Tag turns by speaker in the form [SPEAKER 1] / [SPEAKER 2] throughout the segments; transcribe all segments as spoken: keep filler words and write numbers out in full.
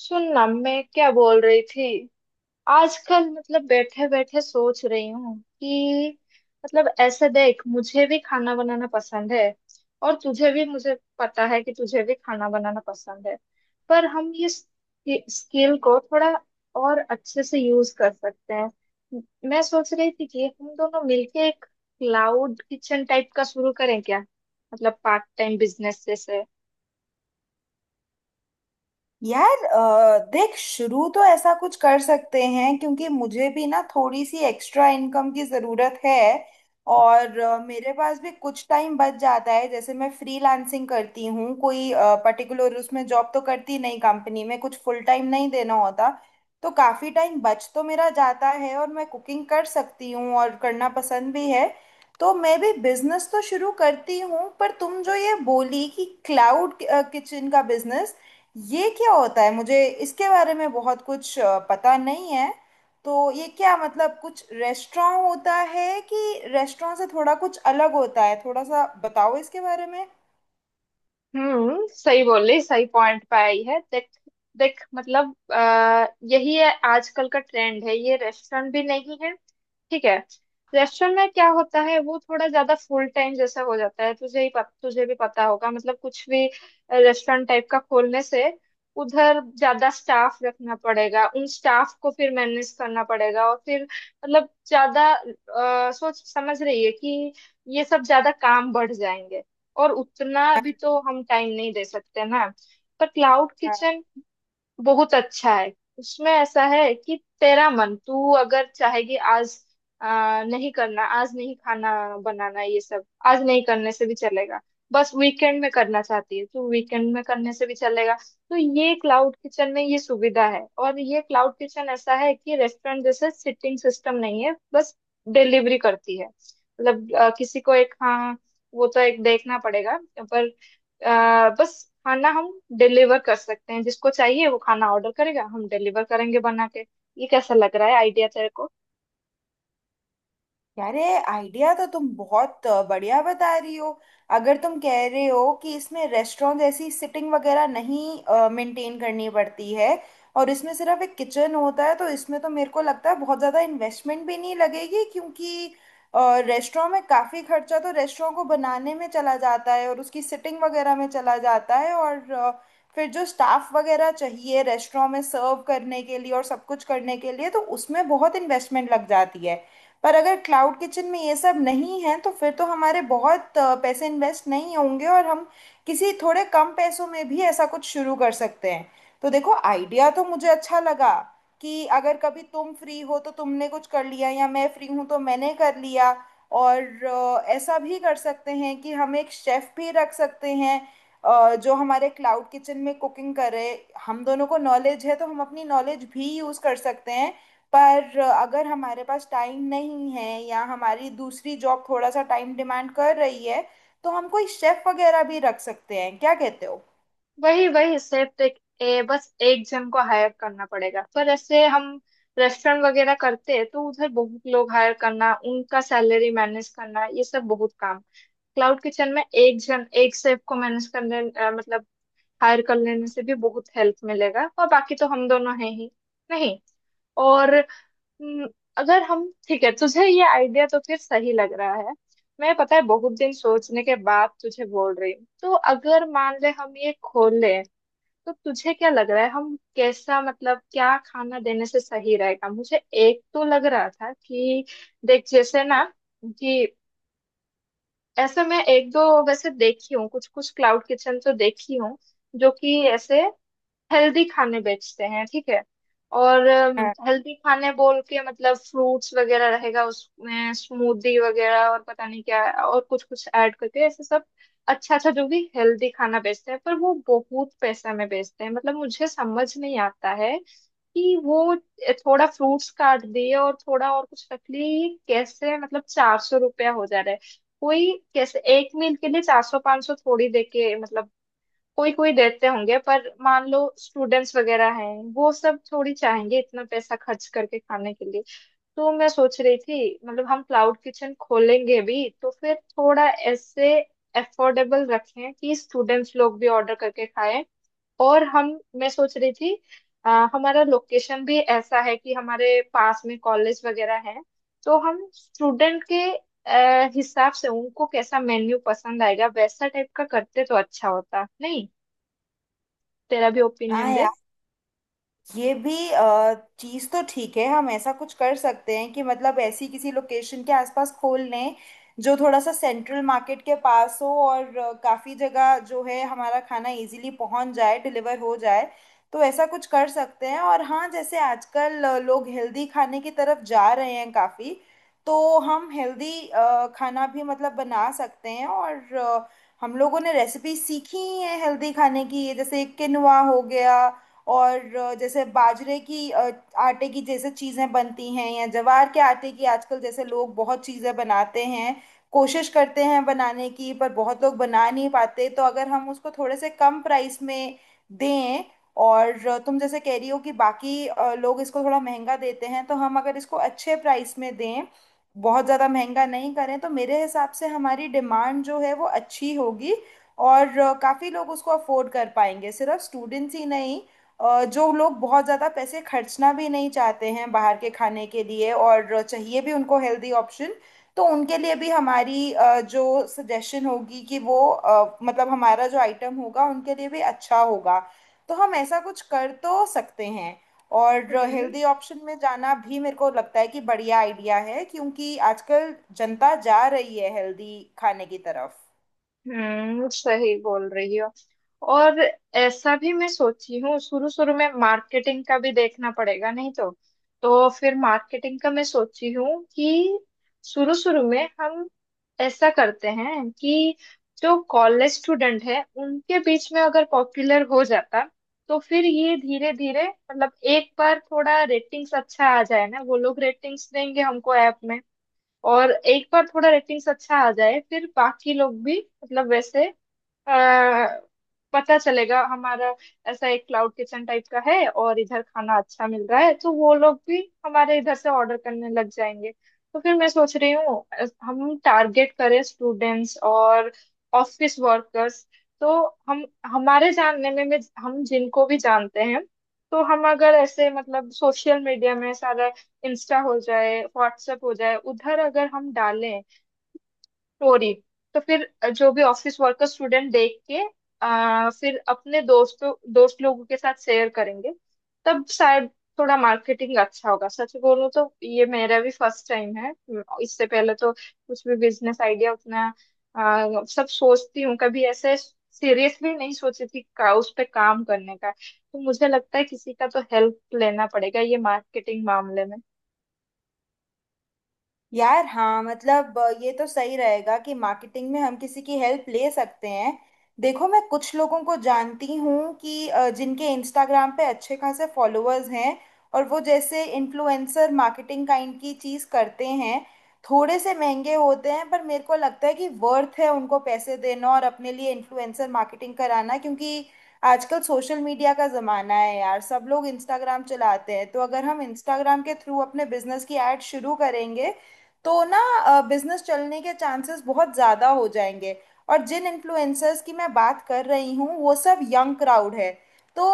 [SPEAKER 1] सुन ना मैं क्या बोल रही थी। आजकल मतलब बैठे बैठे सोच रही हूँ कि मतलब ऐसे देख, मुझे भी खाना बनाना पसंद है और तुझे भी, मुझे पता है कि तुझे भी खाना बनाना पसंद है। पर हम ये स्किल को थोड़ा और अच्छे से यूज कर सकते हैं। मैं सोच रही थी कि हम दोनों मिलके एक क्लाउड किचन टाइप का शुरू करें क्या, मतलब पार्ट टाइम बिजनेस जैसे।
[SPEAKER 2] यार अ, देख शुरू तो ऐसा कुछ कर सकते हैं क्योंकि मुझे भी ना थोड़ी सी एक्स्ट्रा इनकम की ज़रूरत है। और अ, मेरे पास भी कुछ टाइम बच जाता है। जैसे मैं फ्रीलांसिंग करती हूँ, कोई पर्टिकुलर उसमें जॉब तो करती नहीं, कंपनी में कुछ फुल टाइम नहीं देना होता। तो काफ़ी टाइम बच तो मेरा जाता है और मैं कुकिंग कर सकती हूँ और करना पसंद भी है। तो मैं भी बिजनेस तो शुरू करती हूँ, पर तुम जो ये बोली कि क्लाउड किचन का बिजनेस, ये क्या होता है? मुझे इसके बारे में बहुत कुछ अ, पता नहीं है। तो ये क्या, मतलब कुछ रेस्टोरेंट होता है कि रेस्टोरेंट से थोड़ा कुछ अलग होता है? थोड़ा सा बताओ इसके बारे में।
[SPEAKER 1] हम्म, सही बोली, सही पॉइंट पे आई है देख। देख मतलब आ, यही है, आजकल का ट्रेंड है ये। रेस्टोरेंट भी नहीं है, ठीक है। रेस्टोरेंट में क्या होता है, वो थोड़ा ज्यादा फुल टाइम जैसा हो जाता है, तुझे ही पत, तुझे भी पता होगा मतलब। कुछ भी रेस्टोरेंट टाइप का खोलने से उधर ज्यादा स्टाफ रखना पड़ेगा, उन स्टाफ को फिर मैनेज करना पड़ेगा, और फिर मतलब ज्यादा अ, सोच समझ रही है कि ये सब ज्यादा काम बढ़ जाएंगे। और उतना भी तो हम टाइम नहीं दे सकते ना। पर क्लाउड किचन बहुत अच्छा है। उसमें ऐसा है कि तेरा मन, तू अगर चाहेगी आज आ, नहीं करना, आज नहीं खाना बनाना ये सब, आज नहीं करने से भी चलेगा। बस वीकेंड में करना चाहती है तो वीकेंड में करने से भी चलेगा। तो ये क्लाउड किचन में ये सुविधा है। और ये क्लाउड किचन ऐसा है कि रेस्टोरेंट जैसे सिटिंग सिस्टम नहीं है, बस डिलीवरी करती है, मतलब आ, किसी को एक, हाँ वो तो एक देखना पड़ेगा। पर अ, बस खाना हम डिलीवर कर सकते हैं, जिसको चाहिए वो खाना ऑर्डर करेगा, हम डिलीवर करेंगे बना के। ये कैसा लग रहा है आइडिया तेरे को?
[SPEAKER 2] यार, ये आइडिया तो तुम बहुत अ, बढ़िया बता रही हो। अगर तुम कह रहे हो कि इसमें रेस्टोरेंट जैसी सिटिंग वगैरह नहीं मेंटेन करनी पड़ती है और इसमें सिर्फ एक किचन होता है, तो इसमें तो मेरे को लगता है बहुत ज़्यादा इन्वेस्टमेंट भी नहीं लगेगी, क्योंकि रेस्टोरेंट में काफ़ी खर्चा तो रेस्टोरेंट को बनाने में चला जाता है और उसकी सिटिंग वगैरह में चला जाता है। और अ, फिर जो स्टाफ वगैरह चाहिए रेस्टोरेंट में सर्व करने के लिए और सब कुछ करने के लिए, तो उसमें बहुत इन्वेस्टमेंट लग जाती है। पर अगर क्लाउड किचन में ये सब नहीं है, तो फिर तो हमारे बहुत अ, पैसे इन्वेस्ट नहीं होंगे और हम किसी थोड़े कम पैसों में भी ऐसा कुछ शुरू कर सकते हैं। तो देखो, आइडिया तो मुझे अच्छा लगा कि अगर कभी तुम फ्री हो तो तुमने कुछ कर लिया, या मैं फ्री हूँ तो मैंने कर लिया। और अ, ऐसा भी कर सकते हैं कि हम एक शेफ भी रख सकते हैं, अ, जो हमारे क्लाउड किचन में कुकिंग करे। हम दोनों को नॉलेज है तो हम अपनी नॉलेज भी यूज़ कर सकते हैं। पर अगर हमारे पास टाइम नहीं है या हमारी दूसरी जॉब थोड़ा सा टाइम डिमांड कर रही है, तो हम कोई शेफ वगैरह भी रख सकते हैं। क्या कहते हो?
[SPEAKER 1] वही वही, सिर्फ एक, ए, बस एक जन को हायर करना पड़ेगा। पर ऐसे हम रेस्टोरेंट वगैरह करते हैं तो उधर बहुत लोग हायर करना, उनका सैलरी मैनेज करना, ये सब बहुत काम। क्लाउड किचन में एक जन, एक शेफ को मैनेज करने अ, मतलब हायर कर लेने से भी बहुत हेल्प मिलेगा, और बाकी तो हम दोनों हैं ही। नहीं। और हम्म, अगर हम, ठीक है तुझे ये आइडिया तो फिर सही लग रहा है। मैं, पता है बहुत दिन सोचने के बाद तुझे बोल रही हूँ, तो अगर मान ले हम ये खोल लें, तो तुझे क्या लग रहा है, हम कैसा मतलब क्या खाना देने से सही रहेगा? मुझे एक तो लग रहा था कि देख जैसे ना कि ऐसे, मैं एक दो, वैसे देखी हूँ कुछ कुछ क्लाउड किचन तो देखी हूँ, जो कि ऐसे हेल्दी खाने बेचते हैं, ठीक है। और
[SPEAKER 2] हाँ,
[SPEAKER 1] हेल्दी खाने बोल के मतलब फ्रूट्स वगैरह रहेगा उसमें, स्मूदी वगैरह, और पता नहीं क्या और कुछ कुछ ऐड करके ऐसे सब। अच्छा अच्छा, जो भी हेल्दी खाना बेचते हैं पर वो बहुत पैसा में बेचते हैं, मतलब मुझे समझ नहीं आता है कि वो थोड़ा फ्रूट्स काट दिए और थोड़ा और कुछ रख लिए, ये कैसे मतलब चार सौ रुपया हो जा रहा है? कोई कैसे एक मील के लिए चार सौ पाँच सौ थोड़ी देके, मतलब कोई कोई देते होंगे, पर मान लो स्टूडेंट्स वगैरह हैं, वो सब थोड़ी चाहेंगे इतना पैसा खर्च करके खाने के लिए। तो मैं सोच रही थी, मतलब हम क्लाउड किचन खोलेंगे भी तो फिर थोड़ा ऐसे अफोर्डेबल रखें कि स्टूडेंट्स लोग भी ऑर्डर करके खाएं। और हम, मैं सोच रही थी अ, हमारा लोकेशन भी ऐसा है कि हमारे पास में कॉलेज वगैरह है। तो हम स्टूडेंट के अ, हिसाब से उनको कैसा मेन्यू पसंद आएगा वैसा टाइप का करते तो अच्छा होता, नहीं? तेरा भी ओपिनियन
[SPEAKER 2] हाँ,
[SPEAKER 1] दे।
[SPEAKER 2] ये भी चीज तो ठीक है। हम ऐसा कुछ कर सकते हैं कि मतलब ऐसी किसी लोकेशन के आसपास खोल लें जो थोड़ा सा सेंट्रल मार्केट के पास हो और अ, काफी जगह जो है, हमारा खाना इजीली पहुंच जाए, डिलीवर हो जाए। तो ऐसा कुछ कर सकते हैं। और हाँ, जैसे आजकल अ, लोग हेल्दी खाने की तरफ जा रहे हैं काफी, तो हम हेल्दी खाना भी मतलब बना सकते हैं। और अ, हम लोगों ने रेसिपी सीखी ही है हेल्दी खाने की, जैसे किनुआ हो गया, और अ, जैसे बाजरे की अ, आटे की जैसे चीज़ें बनती हैं, या ज्वार के आटे की आजकल जैसे लोग बहुत चीज़ें बनाते हैं, कोशिश करते हैं बनाने की, पर बहुत लोग बना नहीं पाते। तो अगर हम उसको थोड़े से कम प्राइस में दें, और अ, तुम जैसे कह रही हो कि बाकी अ, लोग इसको थोड़ा महंगा देते हैं, तो हम अगर इसको अच्छे प्राइस में दें, बहुत ज़्यादा महंगा नहीं करें, तो मेरे हिसाब से हमारी डिमांड जो है वो अच्छी होगी। और काफ़ी लोग उसको अफोर्ड कर पाएंगे, सिर्फ स्टूडेंट्स ही नहीं। अ, जो लोग बहुत ज़्यादा पैसे खर्चना भी नहीं चाहते हैं बाहर के खाने के लिए और चाहिए भी उनको हेल्दी ऑप्शन, तो उनके लिए भी हमारी अ, जो सजेशन होगी कि वो अ, मतलब हमारा जो आइटम होगा उनके लिए भी अच्छा होगा। तो हम ऐसा कुछ कर तो सकते हैं। और
[SPEAKER 1] हम्म,
[SPEAKER 2] हेल्दी ऑप्शन में जाना भी मेरे को लगता है कि बढ़िया आइडिया है, क्योंकि आजकल जनता जा रही है हेल्दी खाने की तरफ।
[SPEAKER 1] हम्म, सही बोल रही हो। और ऐसा भी मैं सोची हूँ, शुरू शुरू में मार्केटिंग का भी देखना पड़ेगा नहीं तो। तो फिर मार्केटिंग का मैं सोची हूँ कि शुरू शुरू में हम ऐसा करते हैं कि जो कॉलेज स्टूडेंट है उनके बीच में अगर पॉपुलर हो जाता, तो फिर ये धीरे धीरे मतलब एक बार थोड़ा रेटिंग्स अच्छा आ जाए ना, वो लोग रेटिंग्स देंगे हमको ऐप में। और एक बार थोड़ा रेटिंग्स अच्छा आ जाए फिर बाकी लोग भी, मतलब वैसे अ, पता चलेगा हमारा ऐसा एक क्लाउड किचन टाइप का है और इधर खाना अच्छा मिल रहा है, तो वो लोग भी हमारे इधर से ऑर्डर करने लग जाएंगे। तो फिर मैं सोच रही हूँ, अ, हम टारगेट करें स्टूडेंट्स और ऑफिस वर्कर्स। तो हम, हमारे जानने में, में हम जिनको भी जानते हैं, तो हम अगर ऐसे मतलब सोशल मीडिया में सारा, इंस्टा हो जाए, व्हाट्सएप हो जाए, उधर अगर हम डालें स्टोरी, तो फिर जो भी ऑफिस वर्कर स्टूडेंट देख के आ, फिर अपने दोस्तों दोस्त लोगों के साथ शेयर करेंगे। तब शायद थोड़ा मार्केटिंग अच्छा होगा। सच बोलूं तो ये मेरा भी फर्स्ट टाइम है। इससे पहले तो कुछ भी बिजनेस आइडिया उतना आ, सब सोचती हूँ कभी ऐसे, सीरियसली नहीं सोची थी का, उस पे काम करने का। तो मुझे लगता है किसी का तो हेल्प लेना पड़ेगा ये मार्केटिंग मामले में।
[SPEAKER 2] यार हाँ, मतलब अ, ये तो सही रहेगा कि मार्केटिंग में हम किसी की हेल्प ले सकते हैं। देखो, मैं कुछ लोगों को जानती हूँ कि अ, जिनके इंस्टाग्राम पे अच्छे खासे फॉलोअर्स हैं, और वो जैसे इन्फ्लुएंसर मार्केटिंग काइंड की चीज़ करते हैं। थोड़े से महंगे होते हैं, पर मेरे को लगता है कि वर्थ है उनको पैसे देना और अपने लिए इन्फ्लुएंसर मार्केटिंग कराना, क्योंकि आजकल सोशल मीडिया का ज़माना है यार, सब लोग इंस्टाग्राम चलाते हैं। तो अगर हम इंस्टाग्राम के थ्रू अपने बिजनेस की ऐड शुरू करेंगे, तो ना बिजनेस चलने के चांसेस बहुत ज़्यादा हो जाएंगे। और जिन इन्फ्लुएंसर्स की मैं बात कर रही हूँ वो सब यंग क्राउड है। तो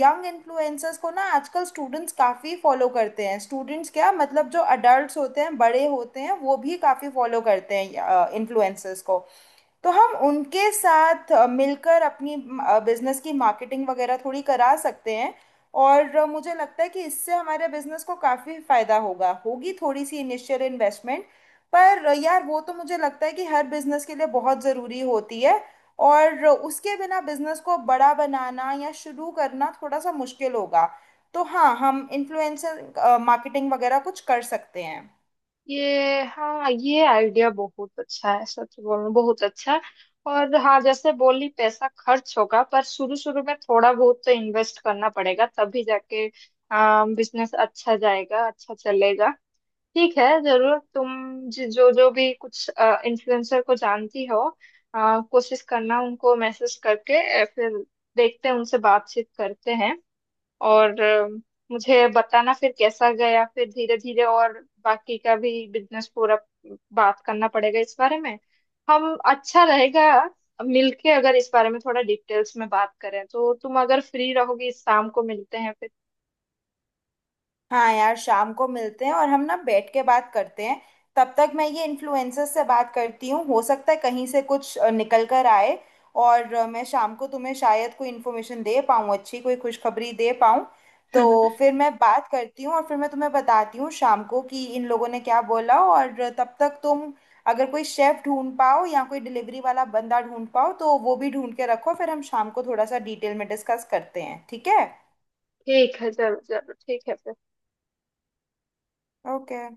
[SPEAKER 2] यंग इन्फ्लुएंसर्स को ना आजकल स्टूडेंट्स काफ़ी फॉलो करते हैं, स्टूडेंट्स क्या मतलब, जो अडल्ट होते हैं, बड़े होते हैं, वो भी काफ़ी फॉलो करते हैं इन्फ्लुएंसर्स को। तो हम उनके साथ अ, मिलकर अपनी बिजनेस की मार्केटिंग वगैरह थोड़ी करा सकते हैं। और अ, मुझे लगता है कि इससे हमारे बिजनेस को काफ़ी फायदा होगा। होगी थोड़ी सी इनिशियल इन्वेस्टमेंट, पर अ, यार, वो तो मुझे लगता है कि हर बिजनेस के लिए बहुत ज़रूरी होती है, और उसके बिना बिजनेस को बड़ा बनाना या शुरू करना थोड़ा सा मुश्किल होगा। तो हाँ, हम इन्फ्लुएंसर मार्केटिंग वगैरह कुछ कर सकते हैं।
[SPEAKER 1] ये, हाँ ये आइडिया बहुत अच्छा है, सच बोलूं बहुत अच्छा। और हाँ, जैसे बोली पैसा खर्च होगा, पर शुरू शुरू में थोड़ा बहुत तो इन्वेस्ट करना पड़ेगा तभी जाके बिजनेस अच्छा जाएगा, अच्छा चलेगा। ठीक है, जरूर। तुम जि- जो जो भी कुछ इन्फ्लुएंसर को जानती हो, अ, कोशिश करना उनको मैसेज करके, अ, फिर देखते हैं, उनसे बातचीत करते हैं। और अ, मुझे बताना फिर कैसा गया। फिर धीरे धीरे और बाकी का भी बिजनेस पूरा बात करना पड़ेगा इस बारे में। हम, अच्छा रहेगा मिलके अगर इस बारे में थोड़ा डिटेल्स में बात करें, तो तुम अगर फ्री रहोगी शाम को मिलते हैं फिर।
[SPEAKER 2] हाँ यार, शाम को मिलते हैं और हम ना बैठ के बात करते हैं। तब तक मैं ये इन्फ्लुएंसर से बात करती हूँ, हो सकता है कहीं से कुछ अ, निकल कर आए। और अ, मैं शाम को तुम्हें शायद कोई इन्फॉर्मेशन दे पाऊँ, अच्छी कोई खुशखबरी दे पाऊँ। तो फिर मैं बात करती हूँ और फिर मैं तुम्हें बताती हूँ शाम को कि इन लोगों ने क्या बोला। और तब तक तुम अगर कोई शेफ ढूंढ पाओ या कोई डिलीवरी वाला बंदा ढूंढ पाओ, तो वो भी ढूंढ के रखो। फिर हम शाम को थोड़ा सा डिटेल में डिस्कस करते हैं, ठीक है?
[SPEAKER 1] ठीक है, जरूर जरूर, ठीक है फिर।
[SPEAKER 2] ओके।